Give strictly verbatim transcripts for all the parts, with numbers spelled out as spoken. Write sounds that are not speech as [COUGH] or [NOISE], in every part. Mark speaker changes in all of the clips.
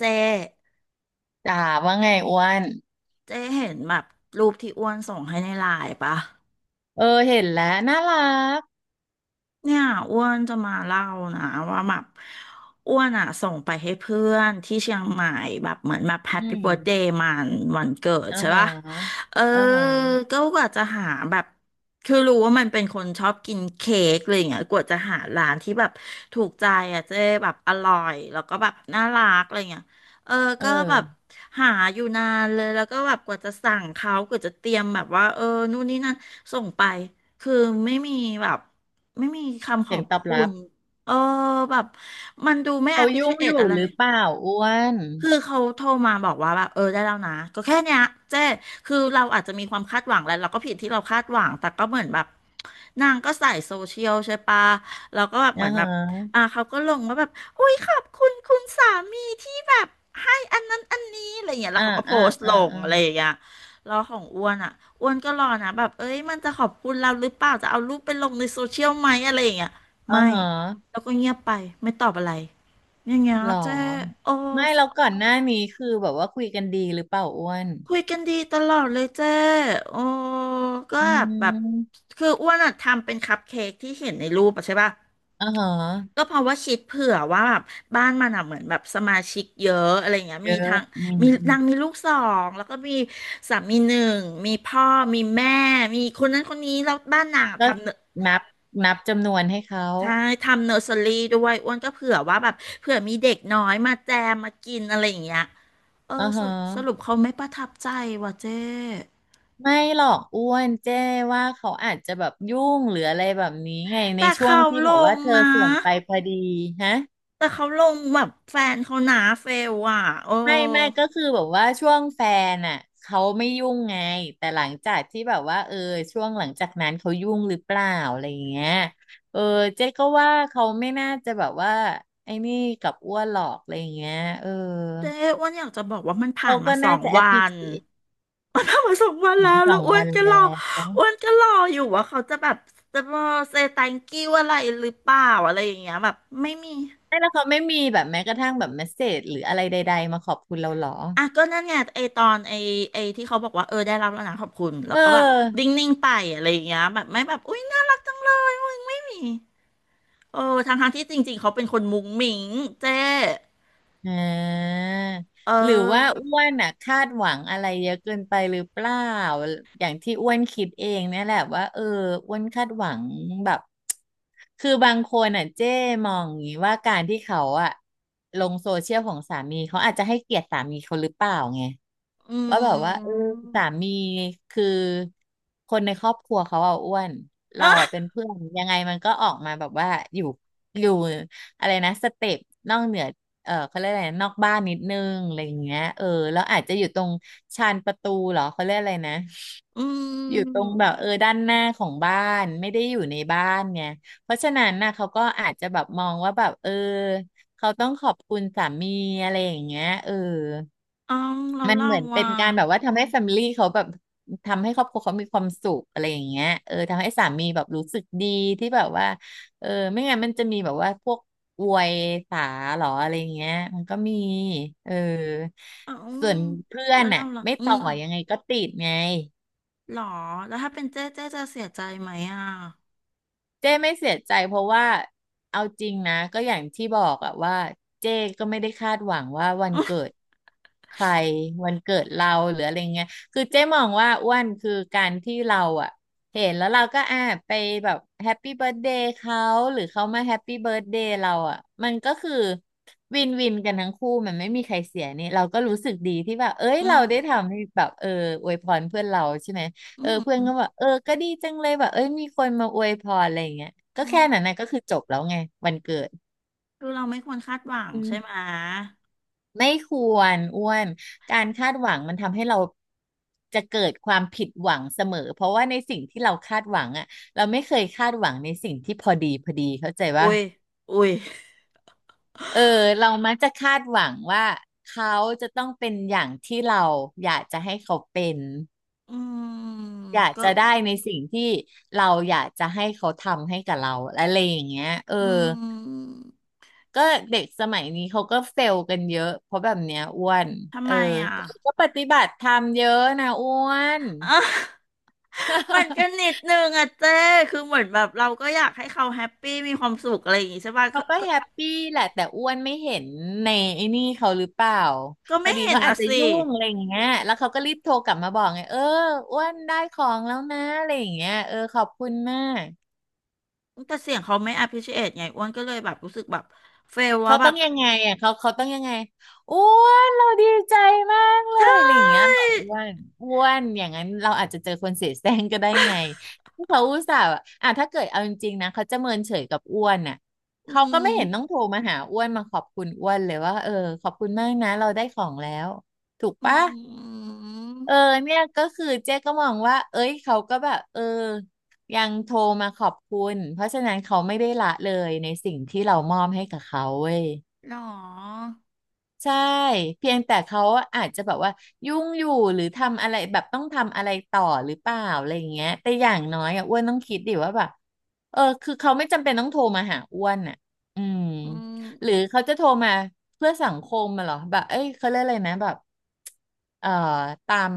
Speaker 1: เจ๊
Speaker 2: จ๋าว่าไงอ้วน
Speaker 1: เจ๊เห็นแบบรูปที่อ้วนส่งให้ในไลน์ปะ
Speaker 2: เออเห็นแล้วน่ารัก
Speaker 1: เนี่ยอ้วนจะมาเล่านะว่าแบบอ้วนอ่ะส่งไปให้เพื่อนที่เชียงใหม่แบบเหมือนแบบแฮป
Speaker 2: อื
Speaker 1: ปี้เบิร์ธเด
Speaker 2: ม
Speaker 1: ย์มันวันเกิด
Speaker 2: อ่า
Speaker 1: ใช่
Speaker 2: ฮะ
Speaker 1: ปะเออ
Speaker 2: อ่าฮะ
Speaker 1: ก็กว่าจะหาแบบคือรู้ว่ามันเป็นคนชอบกินเค้กอะไรอย่างเงี้ยกว่าจะหาร้านที่แบบถูกใจอ่ะเจ๊แบบอร่อยแล้วก็แบบน่ารักอะไรอย่างเงี้ยเออ
Speaker 2: เ
Speaker 1: ก็แบบ
Speaker 2: ออ
Speaker 1: หาอยู่นานเลยแล้วก็แบบกว่าจะสั่งเขากว่าจะเตรียมแบบว่าเออนู่นนี่นั่นส่งไปคือไม่มีแบบ ไม่มีคำข
Speaker 2: เสี
Speaker 1: อ
Speaker 2: ยง
Speaker 1: บ
Speaker 2: ตอบ
Speaker 1: คุ
Speaker 2: รับ
Speaker 1: ณ เออ แบบ มันดูไม่
Speaker 2: เขายุ่งอ
Speaker 1: appreciate
Speaker 2: ยู่
Speaker 1: อะไร
Speaker 2: หรื
Speaker 1: เล
Speaker 2: อ
Speaker 1: ย
Speaker 2: เปล่าอ้วน
Speaker 1: คือเขาโทรมาบอกว่าแบบเออได้แล้วนะก็แค่เนี้ยเจ๊คือเราอาจจะมีความคาดหวังแหละเราก็ผิดที่เราคาดหวังแต่ก็เหมือนแบบนางก็ใส่โซเชียลใช่ปะเราก็แบบเห
Speaker 2: อ่า
Speaker 1: มือน
Speaker 2: ฮ
Speaker 1: แบบ
Speaker 2: ะ
Speaker 1: อ่าเขาก็ลงว่าแบบอุ้ยขอบคุณคุณสามีที่แบบให้อันนั้นอันนี้อะไรอย่างเงี้ยแล้
Speaker 2: อ่า
Speaker 1: วเขาก็โพ
Speaker 2: อ่า
Speaker 1: สต์ล
Speaker 2: อ่า
Speaker 1: ง
Speaker 2: อ่า
Speaker 1: อะไรอย่างเงี้ยแล้วของอ้วนอ่ะอ้วนก็รอนะแบบเอ้ยมันจะขอบคุณเราหรือเปล่าจะเอารูปไปลงในโซเชียลไหมอะไรอย่างเงี้ย
Speaker 2: อ่า
Speaker 1: ไม่
Speaker 2: ฮะ
Speaker 1: แล้วก็เงียบไปไม่ตอบอะไรอย่างเงี้ย
Speaker 2: หรอ
Speaker 1: เจ๊โอ้
Speaker 2: ไม่เราก่อนหน้านี้คือแบบว่าคุยกันดีหรือเปล่าอ้วน
Speaker 1: คุยกันดีตลอดเลยเจ้โอ้ก็
Speaker 2: อื
Speaker 1: แบบ
Speaker 2: ม
Speaker 1: คืออ้วนอะทำเป็นคัพเค้กที่เห็นในรูปอะใช่ป่ะ
Speaker 2: อ่าฮะ
Speaker 1: ก็เพราะว่าคิดเผื่อว่าแบบบ้านมันอะเหมือนแบบสมาชิกเยอะอะไรเงี้ย
Speaker 2: เย
Speaker 1: มี
Speaker 2: อะ
Speaker 1: ทั้ง
Speaker 2: อืม
Speaker 1: มี
Speaker 2: อืม
Speaker 1: นางมีลูกสองแล้วก็มีสามีหนึ่งมีพ่อมีแม่มีคนนั้นคนนี้แล้วบ้านนางอะ
Speaker 2: ก็
Speaker 1: ทำเน
Speaker 2: นับนับจำนวนให้เขา
Speaker 1: ใช่ทำเนอร์เซอรี่ด้วยอ้วนก็เผื่อว่าแบบเผื่อมีเด็กน้อยมาแจมมากินอะไรอย่างเงี้ยเออ
Speaker 2: อ่าฮ
Speaker 1: สรุปสรุ
Speaker 2: ะ
Speaker 1: ปเขาไม่ประทับใจว่ะเจ้
Speaker 2: ไม่หรอกอ้วนเจ้ว่าเขาอาจจะแบบยุ่งหรืออะไรแบบนี้ไงใน
Speaker 1: แต่
Speaker 2: ช่วง
Speaker 1: เขา
Speaker 2: ที่
Speaker 1: ล
Speaker 2: แบบว่า
Speaker 1: ง
Speaker 2: เธอ
Speaker 1: นะ
Speaker 2: ส่งไปพอดีฮะ
Speaker 1: แต่เขาลงแบบแฟนเขาหนาเฟลอ่ะโอ้
Speaker 2: ไม่ไม่ก็คือแบบว่าช่วงแฟนอ่ะเขาไม่ยุ่งไงแต่หลังจากที่แบบว่าเออช่วงหลังจากนั้นเขายุ่งหรือเปล่าอะไรอย่างเงี้ยเออเจ๊ก็ว่าเขาไม่น่าจะแบบว่าไอ้นี่กับอ้วนหรอกอะไรอย่างเงี้ยเออ
Speaker 1: เจ๊อ้วนอยากจะบอกว่ามันผ่า
Speaker 2: เขา
Speaker 1: นมา
Speaker 2: ก็
Speaker 1: สอ
Speaker 2: น่า
Speaker 1: ง
Speaker 2: จะแอป
Speaker 1: วั
Speaker 2: พิเค
Speaker 1: น
Speaker 2: ช
Speaker 1: มันผ่านมาสองวัน
Speaker 2: ั
Speaker 1: แล้ว
Speaker 2: ส
Speaker 1: แล้
Speaker 2: อ
Speaker 1: ว
Speaker 2: ง
Speaker 1: อ้ว
Speaker 2: วั
Speaker 1: น
Speaker 2: น
Speaker 1: ก็
Speaker 2: แล้
Speaker 1: รอ
Speaker 2: ว
Speaker 1: อ้วนก็รออยู่ว่าเขาจะแบบจะมาเซตังกิ้วอะไรหรือเปล่าอะไรอย่างเงี้ยแบบไม่มี
Speaker 2: ไม่แล้วเขาไม่มีแบบแม้กระทั่งแบบเมสเสจหรืออะไรใดๆมาขอบคุณเราหรอ
Speaker 1: อ่ะก็นั่นไงไอตอนไอไอที่เขาบอกว่าเออได้รับแล้วนะขอบคุณ
Speaker 2: เ
Speaker 1: แล้วก็แบบนิ
Speaker 2: ออ
Speaker 1: ่งๆไปอะไรอย่างเงี้ยแบบไม่แบบอุ้ยน่ารักจังเลยอุ้ยไม่มีเออทั้งๆที่จริงๆเขาเป็นคนมุ้งมิ้งเจ๊
Speaker 2: อ่า
Speaker 1: เอ
Speaker 2: หรือว่า
Speaker 1: อ
Speaker 2: อ้วนอ่ะคาดหวังอะไรเยอะเกินไปหรือเปล่าอย่างที่อ้วนคิดเองเนี่ยแหละว่าเอออ้วนคาดหวังแบบคือบางคนอ่ะเจ้มองอย่างนี้ว่าการที่เขาอ่ะลงโซเชียลของสามีเขาอาจจะให้เกียรติสามีเขาหรือเปล่าไง
Speaker 1: อื
Speaker 2: ว่าแบบว่าเออ
Speaker 1: ม
Speaker 2: สามีคือคนในครอบครัวเขาอ่ะอ้วนเราอ่ะเป็น
Speaker 1: อ่ะ
Speaker 2: เพื่อนยังไงมันก็ออกมาแบบว่าอยู่อยู่อะไรนะสเต็ปนอกเหนือเออเขาเรียกอะไรนะนอกบ้านนิดนึงอะไรอย่างเงี้ยเออแล้วอาจจะอยู่ตรงชานประตูเหรอเขาเรียกอะไรนะ
Speaker 1: อื
Speaker 2: อยู่ตรง
Speaker 1: ม
Speaker 2: แบบเออด้านหน้าของบ้านไม่ได้อยู่ในบ้านไงเพราะฉะนั้นน่ะเขาก็อาจจะแบบมองว่าแบบเออเขาต้องขอบคุณสามีอะไรอย่างเงี้ยเออ
Speaker 1: เอาเรา
Speaker 2: มัน
Speaker 1: เล่า
Speaker 2: เหมือนเป็
Speaker 1: ว่า
Speaker 2: นการแบบว่าทำให้แฟมิลี่เขาแบบทำให้ครอบครัวเขามีความสุขอะไรอย่างเงี้ยเออทำให้สามีแบบรู้สึกดีที่แบบว่าเออไม่งั้นมันจะมีแบบว่าพวกอวยสาหรออะไรอย่างเงี้ยมันก็มีเออ
Speaker 1: เอาอื
Speaker 2: ส่ว
Speaker 1: ม
Speaker 2: นเพื่อ
Speaker 1: แล้
Speaker 2: น
Speaker 1: ว
Speaker 2: น่ะ
Speaker 1: เล่าล่ะ
Speaker 2: ไม่
Speaker 1: อื
Speaker 2: ต่อ
Speaker 1: ม
Speaker 2: ยังไงก็ติดไง
Speaker 1: หรอแล้วถ้าเป็นเจ๊เจ๊จะเสียใจไหมอ่ะ
Speaker 2: เจ้ไม่เสียใจเพราะว่าเอาจริงนะก็อย่างที่บอกอะว่าเจ้ก็ไม่ได้คาดหวังว่าวันเกิดใครวันเกิดเราหรืออะไรเงี้ยคือเจ้มองว่าอ้วนคือการที่เราอะเห็นแล้วเราก็อ่ะไปแบบแฮปปี้เบิร์ a เดย์เขาหรือเขามาแฮปปี้เบิร์ a เดย์เราอะมันก็คือวินวินกันทั้งคู่มันไม่มีใครเสียนี่เราก็รู้สึกดีที่แบบเอ้ย
Speaker 1: อื
Speaker 2: เรา
Speaker 1: ม
Speaker 2: ได้ทำให้แบบเอออวยพรเพื่อนเราใช่ไหม เอ
Speaker 1: อื
Speaker 2: อเพื่อน
Speaker 1: ม
Speaker 2: ก็แบอกเออก็ดีจังเลยแบบเอ้ยมีคนมาอวยพรอะไรอย่างเงี้ยก็
Speaker 1: อื
Speaker 2: แค่นั้น
Speaker 1: ม
Speaker 2: นะก็คือจบแล้วไงวันเกิด
Speaker 1: คือเราไม่ควรคาดหวัง
Speaker 2: อื
Speaker 1: ใช่ไหม
Speaker 2: มไม่ควรอ้วนการคาดหวังมันทำให้เราจะเกิดความผิดหวังเสมอเพราะว่าในสิ่งที่เราคาดหวังอ่ะเราไม่เคยคาดหวังในสิ่งที่พอดีพอดีเข้าใจ
Speaker 1: อุ้
Speaker 2: ว่า
Speaker 1: ยอุ้ย
Speaker 2: เออเรามักจะคาดหวังว่าเขาจะต้องเป็นอย่างที่เราอยากจะให้เขาเป็น
Speaker 1: อืม
Speaker 2: อยาก
Speaker 1: ก็
Speaker 2: จะได้ในสิ่งที่เราอยากจะให้เขาทำให้กับเราอะไรอย่างเงี้ยเออ
Speaker 1: อืม
Speaker 2: ก็เด็กสมัยนี้เขาก็เฟลกันเยอะเพราะแบบเนี้ยอ้วน
Speaker 1: ทำ
Speaker 2: เออ
Speaker 1: ไมอ่ะ
Speaker 2: แต่ก็ปฏิบัติธรรมเยอะนะอ้วน
Speaker 1: อ่ะ [LAUGHS] มันก็นิ
Speaker 2: [LAUGHS]
Speaker 1: ดนึงอะเจ้คือเหมือนแบบเราก็อยากให้เขาแฮปปี้มีความสุขอะไรอย่างงี้ใช่ป่ะ
Speaker 2: เขาก็แฮปปี้แหละแต่อ้วนไม่เห็นในไอ้นี่เขาหรือเปล่า
Speaker 1: ก็
Speaker 2: พอ
Speaker 1: ไม่
Speaker 2: ดี
Speaker 1: เห็น
Speaker 2: เขาอา
Speaker 1: นะ
Speaker 2: จจะ
Speaker 1: สิ
Speaker 2: ยุ่งอะไรอย่างเงี้ยแล้วเขาก็รีบโทรกลับมาบอกไงเอออ้วนได้ของแล้วนะอะไรอย่างเงี้ยเออขอบคุณมาก
Speaker 1: แต่เสียงเขาไม่ appreciate ไงอ้วนก็เลยแบบรู้สึกแบบเฟลว่า
Speaker 2: เขา
Speaker 1: แบ
Speaker 2: ต้อ
Speaker 1: บ
Speaker 2: งยังไงอ่ะเขาเขาต้องยังไงอ้วนเราดีใจมากเล
Speaker 1: ใช
Speaker 2: ยอะไรอย่างเงี้ย
Speaker 1: ่
Speaker 2: เหรออ้วนอ้วนอย่างนั้นเราอาจจะเจอคนเสียแซงก็ได้ไงที่เขาอุตส่าห์อะอ่ะถ้าเกิดเอาจริงๆนะเขาจะเมินเฉยกับอ้วนน่ะ
Speaker 1: อื
Speaker 2: เขาก็ไม่
Speaker 1: ม
Speaker 2: เห็นต้องโทรมาหาอ้วนมาขอบคุณอ้วนเลยว่าเออขอบคุณมากนะเราได้ของแล้วถูก
Speaker 1: อื
Speaker 2: ปะเออ
Speaker 1: ม
Speaker 2: เนี่ยก็คือเจ๊ก็มองว่าเอ้ยเขาก็แบบเออยังโทรมาขอบคุณเพราะฉะนั้นเขาไม่ได้ละเลยในสิ่งที่เรามอบให้กับเขาเว้ย
Speaker 1: หรอ
Speaker 2: ใช่เพียงแต่เขาอาจจะแบบว่ายุ่งอยู่หรือทำอะไรแบบต้องทำอะไรต่อหรือเปล่าอะไรอย่างเงี้ยแต่อย่างน้อยอ่ะอ้วนต้องคิดดิว่าแบบเออคือเขาไม่จำเป็นต้องโทรมาหาอ้วนอ่ะอืม
Speaker 1: อืม
Speaker 2: หรือเขาจะโทรมาเพื่อสังคมมาหรอแบบเอ้ยเขาเรียกอะไรนะแบบเอ่อตาม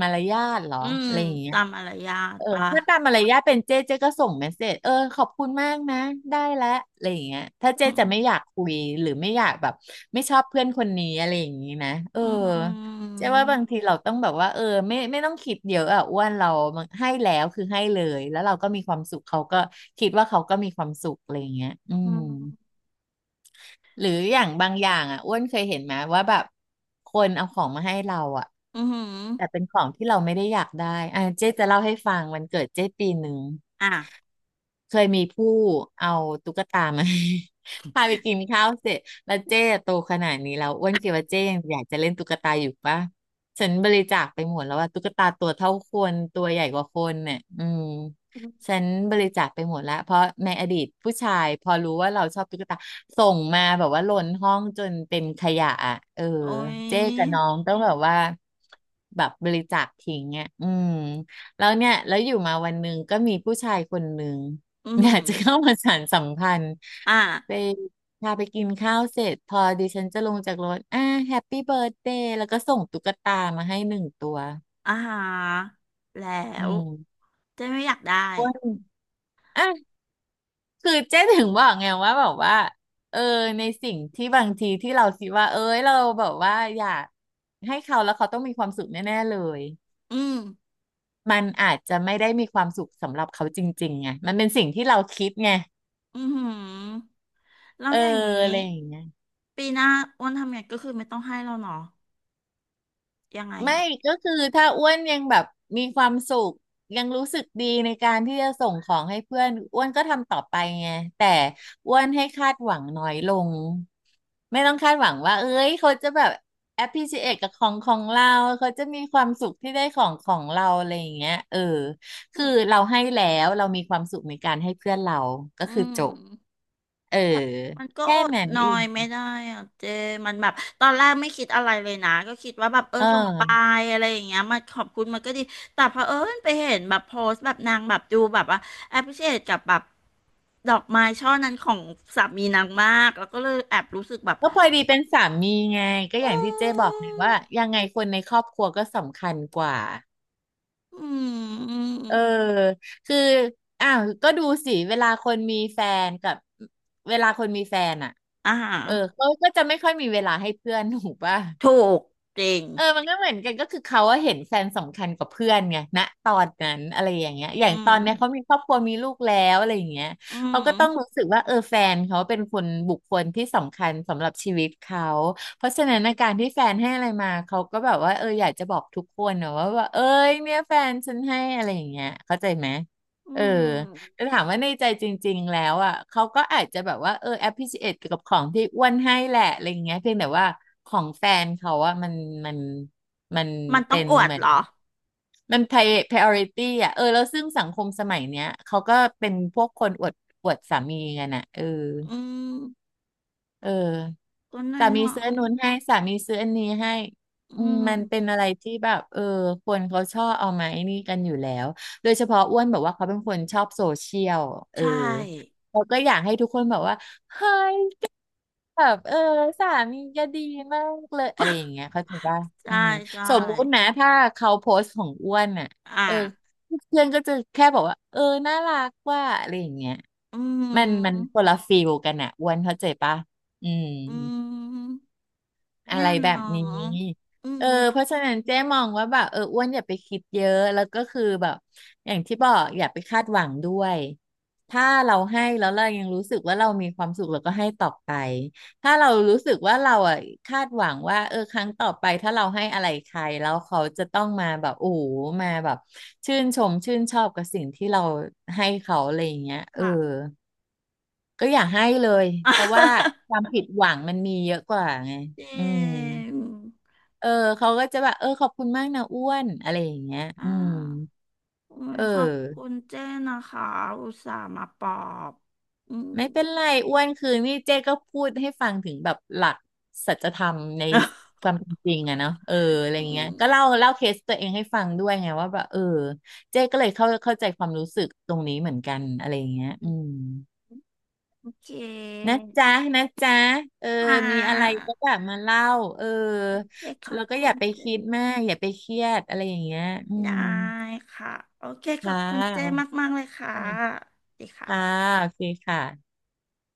Speaker 2: มารยาทเหรอ
Speaker 1: อืม
Speaker 2: อะไรอย่างเงี้ย
Speaker 1: ตามมารยาท
Speaker 2: เออ
Speaker 1: ปะ
Speaker 2: ถ้าตามมารยาทเป็นเจ๊เจ๊ก็ส่งเมสเสจเออขอบคุณมากนะได้แล้วอะไรอย่างเงี้ยถ้าเจ๊
Speaker 1: อืม
Speaker 2: จะไม่อยากคุยหรือไม่อยากแบบไม่ชอบเพื่อนคนนี้อะไรอย่างงี้นะเออ
Speaker 1: อืม
Speaker 2: เจ๊ว่าบางทีเราต้องแบบว่าเออไม่ไม่ต้องคิดเยอะอ่ะอ้วนเราให้แล้วคือให้เลยแล้วเราก็มีความสุขเขาก็คิดว่าเขาก็มีความสุขอะไรอย่างเงี้ยอื
Speaker 1: อื
Speaker 2: ม
Speaker 1: ม
Speaker 2: หรืออย่างบางอย่างอ่ะอ้วนเคยเห็นไหมว่าแบบคนเอาของมาให้เราอ่ะ
Speaker 1: อืม
Speaker 2: แต่เป็นของที่เราไม่ได้อยากได้อ่ะเจ๊จะเล่าให้ฟังวันเกิดเจ๊ปีหนึ่ง
Speaker 1: อ่ะ
Speaker 2: เคยมีผู้เอาตุ๊กตามา [LAUGHS] ให้ [LAUGHS] พาไปกินข้าวเสร็จแล้วเจ๊อะโตขนาดนี้แล้วอ้วนคิดว่าเจ๊ยังอยากจะเล่นตุ๊กตาอยู่ปะฉันบริจาคไปหมดแล้วว่าตุ๊กตาตัวเท่าคนตัวใหญ่กว่าคนเนี่ยอืมฉันบริจาคไปหมดแล้วเพราะในอดีตผู้ชายพอรู้ว่าเราชอบตุ๊กตาส่งมาแบบว่าล้นห้องจนเป็นขยะอะเออ
Speaker 1: โอ้ย
Speaker 2: เจ๊กับน้องต้องแบบว่าแบบบริจาคทิ้งอ่ะอืมแล้วเนี่ยแล้วอยู่มาวันหนึ่งก็มีผู้ชายคนหนึ่ง
Speaker 1: อื
Speaker 2: อยากจะเข้า
Speaker 1: ม
Speaker 2: มาสานสัมพันธ์
Speaker 1: อ่ะ
Speaker 2: ไปพาไปกินข้าวเสร็จพอดิฉันจะลงจากรถอ่าแฮปปี้เบิร์ a เดย์แล้วก็ส่งตุ๊กตามาให้หนึ่งตัว
Speaker 1: อาหารแล้
Speaker 2: อื
Speaker 1: ว
Speaker 2: ม
Speaker 1: เจ๊ไม่อยากได้
Speaker 2: อ้วนอ่ะคือเจ๊ถึงบอกไงว่าแบบว่าเออในสิ่งที่บางทีที่เราคิดว่าเอ้ยเราแบบว่าอยากให้เขาแล้วเขาต้องมีความสุขแน่ๆเลย
Speaker 1: อืม
Speaker 2: มันอาจจะไม่ได้มีความสุขสำหรับเขาจริงๆไงมันเป็นสิ่งที่เราคิดไง
Speaker 1: อือหือแล้
Speaker 2: เอ
Speaker 1: ว
Speaker 2: อ
Speaker 1: อย่างนี้
Speaker 2: อะไรอย่างเงี้ย
Speaker 1: ปีหน้าอ้วนทำไงก็คือไม่ต้องให้เราเนาะยังไง
Speaker 2: ไม่
Speaker 1: อ่ะ
Speaker 2: ก็คือถ้าอ้วนยังแบบมีความสุขยังรู้สึกดีในการที่จะส่งของให้เพื่อนอ้วนก็ทำต่อไปไงแต่อ้วนให้คาดหวังน้อยลงไม่ต้องคาดหวังว่าเอ้ยเขาจะแบบ appreciate กับของของเราเขาจะมีความสุขที่ได้ของของเราอะไรอย่างเงี้ยเออ
Speaker 1: อื
Speaker 2: คือ
Speaker 1: ม
Speaker 2: เราให้แล้วเรามีความสุขในการให้เพื่อนเราก็
Speaker 1: อื
Speaker 2: คือจบ
Speaker 1: ม
Speaker 2: เออ
Speaker 1: แต่มันก็
Speaker 2: แค่
Speaker 1: อด
Speaker 2: นั้น
Speaker 1: นอ
Speaker 2: เอ
Speaker 1: ย
Speaker 2: ง
Speaker 1: ไม่ได้อ่ะเจมันแบบตอนแรกไม่คิดอะไรเลยนะก็คิดว่าแบบเออ
Speaker 2: เ
Speaker 1: ส่งไป
Speaker 2: ออ
Speaker 1: อะไรอย่างเงี้ยมาขอบคุณมันก็ดีแต่พอเผอิญไปเห็นแบบโพสต์แบบนางแบบดูแบบว่าแอปพิเศษกับแบบดอกไม้ช่อนั้นของสามีนางมากแล้วก็เลยแอบรู้สึกแบบ
Speaker 2: ก็พอดีเป็นสามีไงก็อ
Speaker 1: อื
Speaker 2: ย่างที่เจ้บอกเลย
Speaker 1: ม
Speaker 2: ว่ายังไงคนในครอบครัวก็สำคัญกว่า
Speaker 1: อื
Speaker 2: เออ
Speaker 1: ม
Speaker 2: คืออ้าวก็ดูสิเวลาคนมีแฟนกับเวลาคนมีแฟนอ่ะ
Speaker 1: อ่า
Speaker 2: เออเขาก็จะไม่ค่อยมีเวลาให้เพื่อนถูกป่ะ
Speaker 1: ถูกจริง
Speaker 2: เออมันก็เหมือนกันก็คือเขาว่าเห็นแฟนสำคัญกว่าเพื่อนไงณตอนนั้นอะไรอย่างเงี้ยอย่า
Speaker 1: อื
Speaker 2: งต
Speaker 1: ม
Speaker 2: อนเนี้ยเขามีครอบครัวมีลูกแล้วอะไรอย่างเงี้ย
Speaker 1: อื
Speaker 2: เขาก็ต้อง
Speaker 1: ม
Speaker 2: รู้สึกว่าเออแฟนเขาเป็นคนบุคคลที่สำคัญสำหรับชีวิตเขาเพราะฉะนั้นอาการที่แฟนให้อะไรมาเขาก็แบบว่าเอออยากจะบอกทุกคนนะว่าว่าเอ้ยเนี่ยแฟนฉันให้อะไรอย่างเงี้ยเข้าใจไหม
Speaker 1: อื
Speaker 2: เออ
Speaker 1: ม
Speaker 2: ถามว่าในใจจริงๆแล้วอ่ะเขาก็อาจจะแบบว่าเออ appreciate กับของที่อ้วนให้แหละอะไรเงี้ยเพียงแต่ว่าของแฟนเขาอ่ะมันมันมัน
Speaker 1: มันต้อ
Speaker 2: เป็
Speaker 1: ง
Speaker 2: น
Speaker 1: อวด
Speaker 2: เหมือ
Speaker 1: เห
Speaker 2: น
Speaker 1: รอ
Speaker 2: มัน pri- priority อ่ะเออแล้วซึ่งสังคมสมัยเนี้ยเขาก็เป็นพวกคนอวดอวดสามีกันอ่ะเออ
Speaker 1: อืม
Speaker 2: เออ
Speaker 1: ก็น้อ
Speaker 2: สา
Speaker 1: ยห
Speaker 2: มี
Speaker 1: น่อ
Speaker 2: ซื้ออัน
Speaker 1: ย
Speaker 2: นู้นให้สามีซื้ออันนี้ให้
Speaker 1: อื
Speaker 2: อืม
Speaker 1: ม
Speaker 2: มันเป็นอะไรที่แบบเออคนเขาชอบเอามาไอ้นี่กันอยู่แล้วโดยเฉพาะอ้วนแบบว่าเขาเป็นคนชอบโซเชียลเอ
Speaker 1: ใช
Speaker 2: อ
Speaker 1: ่
Speaker 2: เราก็อยากให้ทุกคนแบบว่าแบบเออสามีก็ดีมากเลยอะไรอย่างเงี้ยเขาถือว่าอื
Speaker 1: ใช่
Speaker 2: ม
Speaker 1: ใช่
Speaker 2: สมมุตินะถ้าเขาโพสต์ของอ้วนอ่ะ
Speaker 1: อ่ะ
Speaker 2: เออเพื่อนก็จะแค่บอกว่าเออน่ารักว่าอะไรอย่างเงี้ย
Speaker 1: อื
Speaker 2: มันมัน
Speaker 1: ม
Speaker 2: คนละฟีลกันอ่ะอ้วนเข้าใจปะอืม
Speaker 1: อืม
Speaker 2: อะ
Speaker 1: เนี่
Speaker 2: ไร
Speaker 1: ย
Speaker 2: แบบ
Speaker 1: เนา
Speaker 2: นี้
Speaker 1: ะอื
Speaker 2: เออเพ
Speaker 1: ม
Speaker 2: ราะฉะนั้นเจ๊มองว่าแบบเอออ้วนอย่าไปคิดเยอะแล้วก็คือแบบอย่างที่บอกอย่าไปคาดหวังด้วย ถ้าเราให้แล้วเรายังรู้สึกว่าเรามีความสุขเราก็ให้ต่อไป ถ้าเรารู้สึกว่าเราอ่ะคาดหวังว่าเออครั้งต่อไปถ้าเราให้อะไรใครแล้วเขาจะต้องมาแบบโอ้โหมาแบบชื่นชมชื่นชอบกับสิ่งที่เราให้เขาอะไรอย่างเงี้ยเออ
Speaker 1: ค่ะ
Speaker 2: ก็อย่าให้เลยเพราะว่าความผิดหวังมันมีเยอะกว่าไง
Speaker 1: [LAUGHS] เจ
Speaker 2: อืม
Speaker 1: ง
Speaker 2: เออเขาก็จะแบบเออขอบคุณมากนะอ้วนอะไรอย่างเงี้ย
Speaker 1: อ่
Speaker 2: อืม
Speaker 1: าโอ้
Speaker 2: เอ
Speaker 1: ยขอบคุ
Speaker 2: อ
Speaker 1: ณเจ้นะคะ อุตส่าห์มาปลอบ อืม
Speaker 2: ไม่เป็นไรอ้วนคือนี่เจ๊ก็พูดให้ฟังถึงแบบหลักสัจธรรมในค
Speaker 1: [LAUGHS]
Speaker 2: วามเป็นจริงอะเนาะเอออะไร
Speaker 1: อื
Speaker 2: เงี้ย
Speaker 1: ม
Speaker 2: ก็เล่าเล่าเคสตัวเองให้ฟังด้วยไงว่าแบบเออเจ๊ก็เลยเข้าเข้าใจความรู้สึกตรงนี้เหมือนกันอะไรเงี้ยอืม
Speaker 1: โอเค
Speaker 2: นะจ๊ะนะจ๊ะเออ
Speaker 1: อ่า
Speaker 2: มีอะไรก็แบบมาเล่าเออ
Speaker 1: โอเคขอ
Speaker 2: แล้
Speaker 1: บ
Speaker 2: วก็อ
Speaker 1: คุ
Speaker 2: ย่า
Speaker 1: ณ
Speaker 2: ไป
Speaker 1: เจ
Speaker 2: คิดมากอย่าไปเครียดอะไรอย่างเงี้ยอื
Speaker 1: ได้
Speaker 2: ม
Speaker 1: ค่ะโอเคข
Speaker 2: ค
Speaker 1: อบคุณเจ
Speaker 2: ่
Speaker 1: มากๆเลยค่ะ
Speaker 2: ะ
Speaker 1: ดีค่ะ
Speaker 2: ค่ะโอเคค่ะ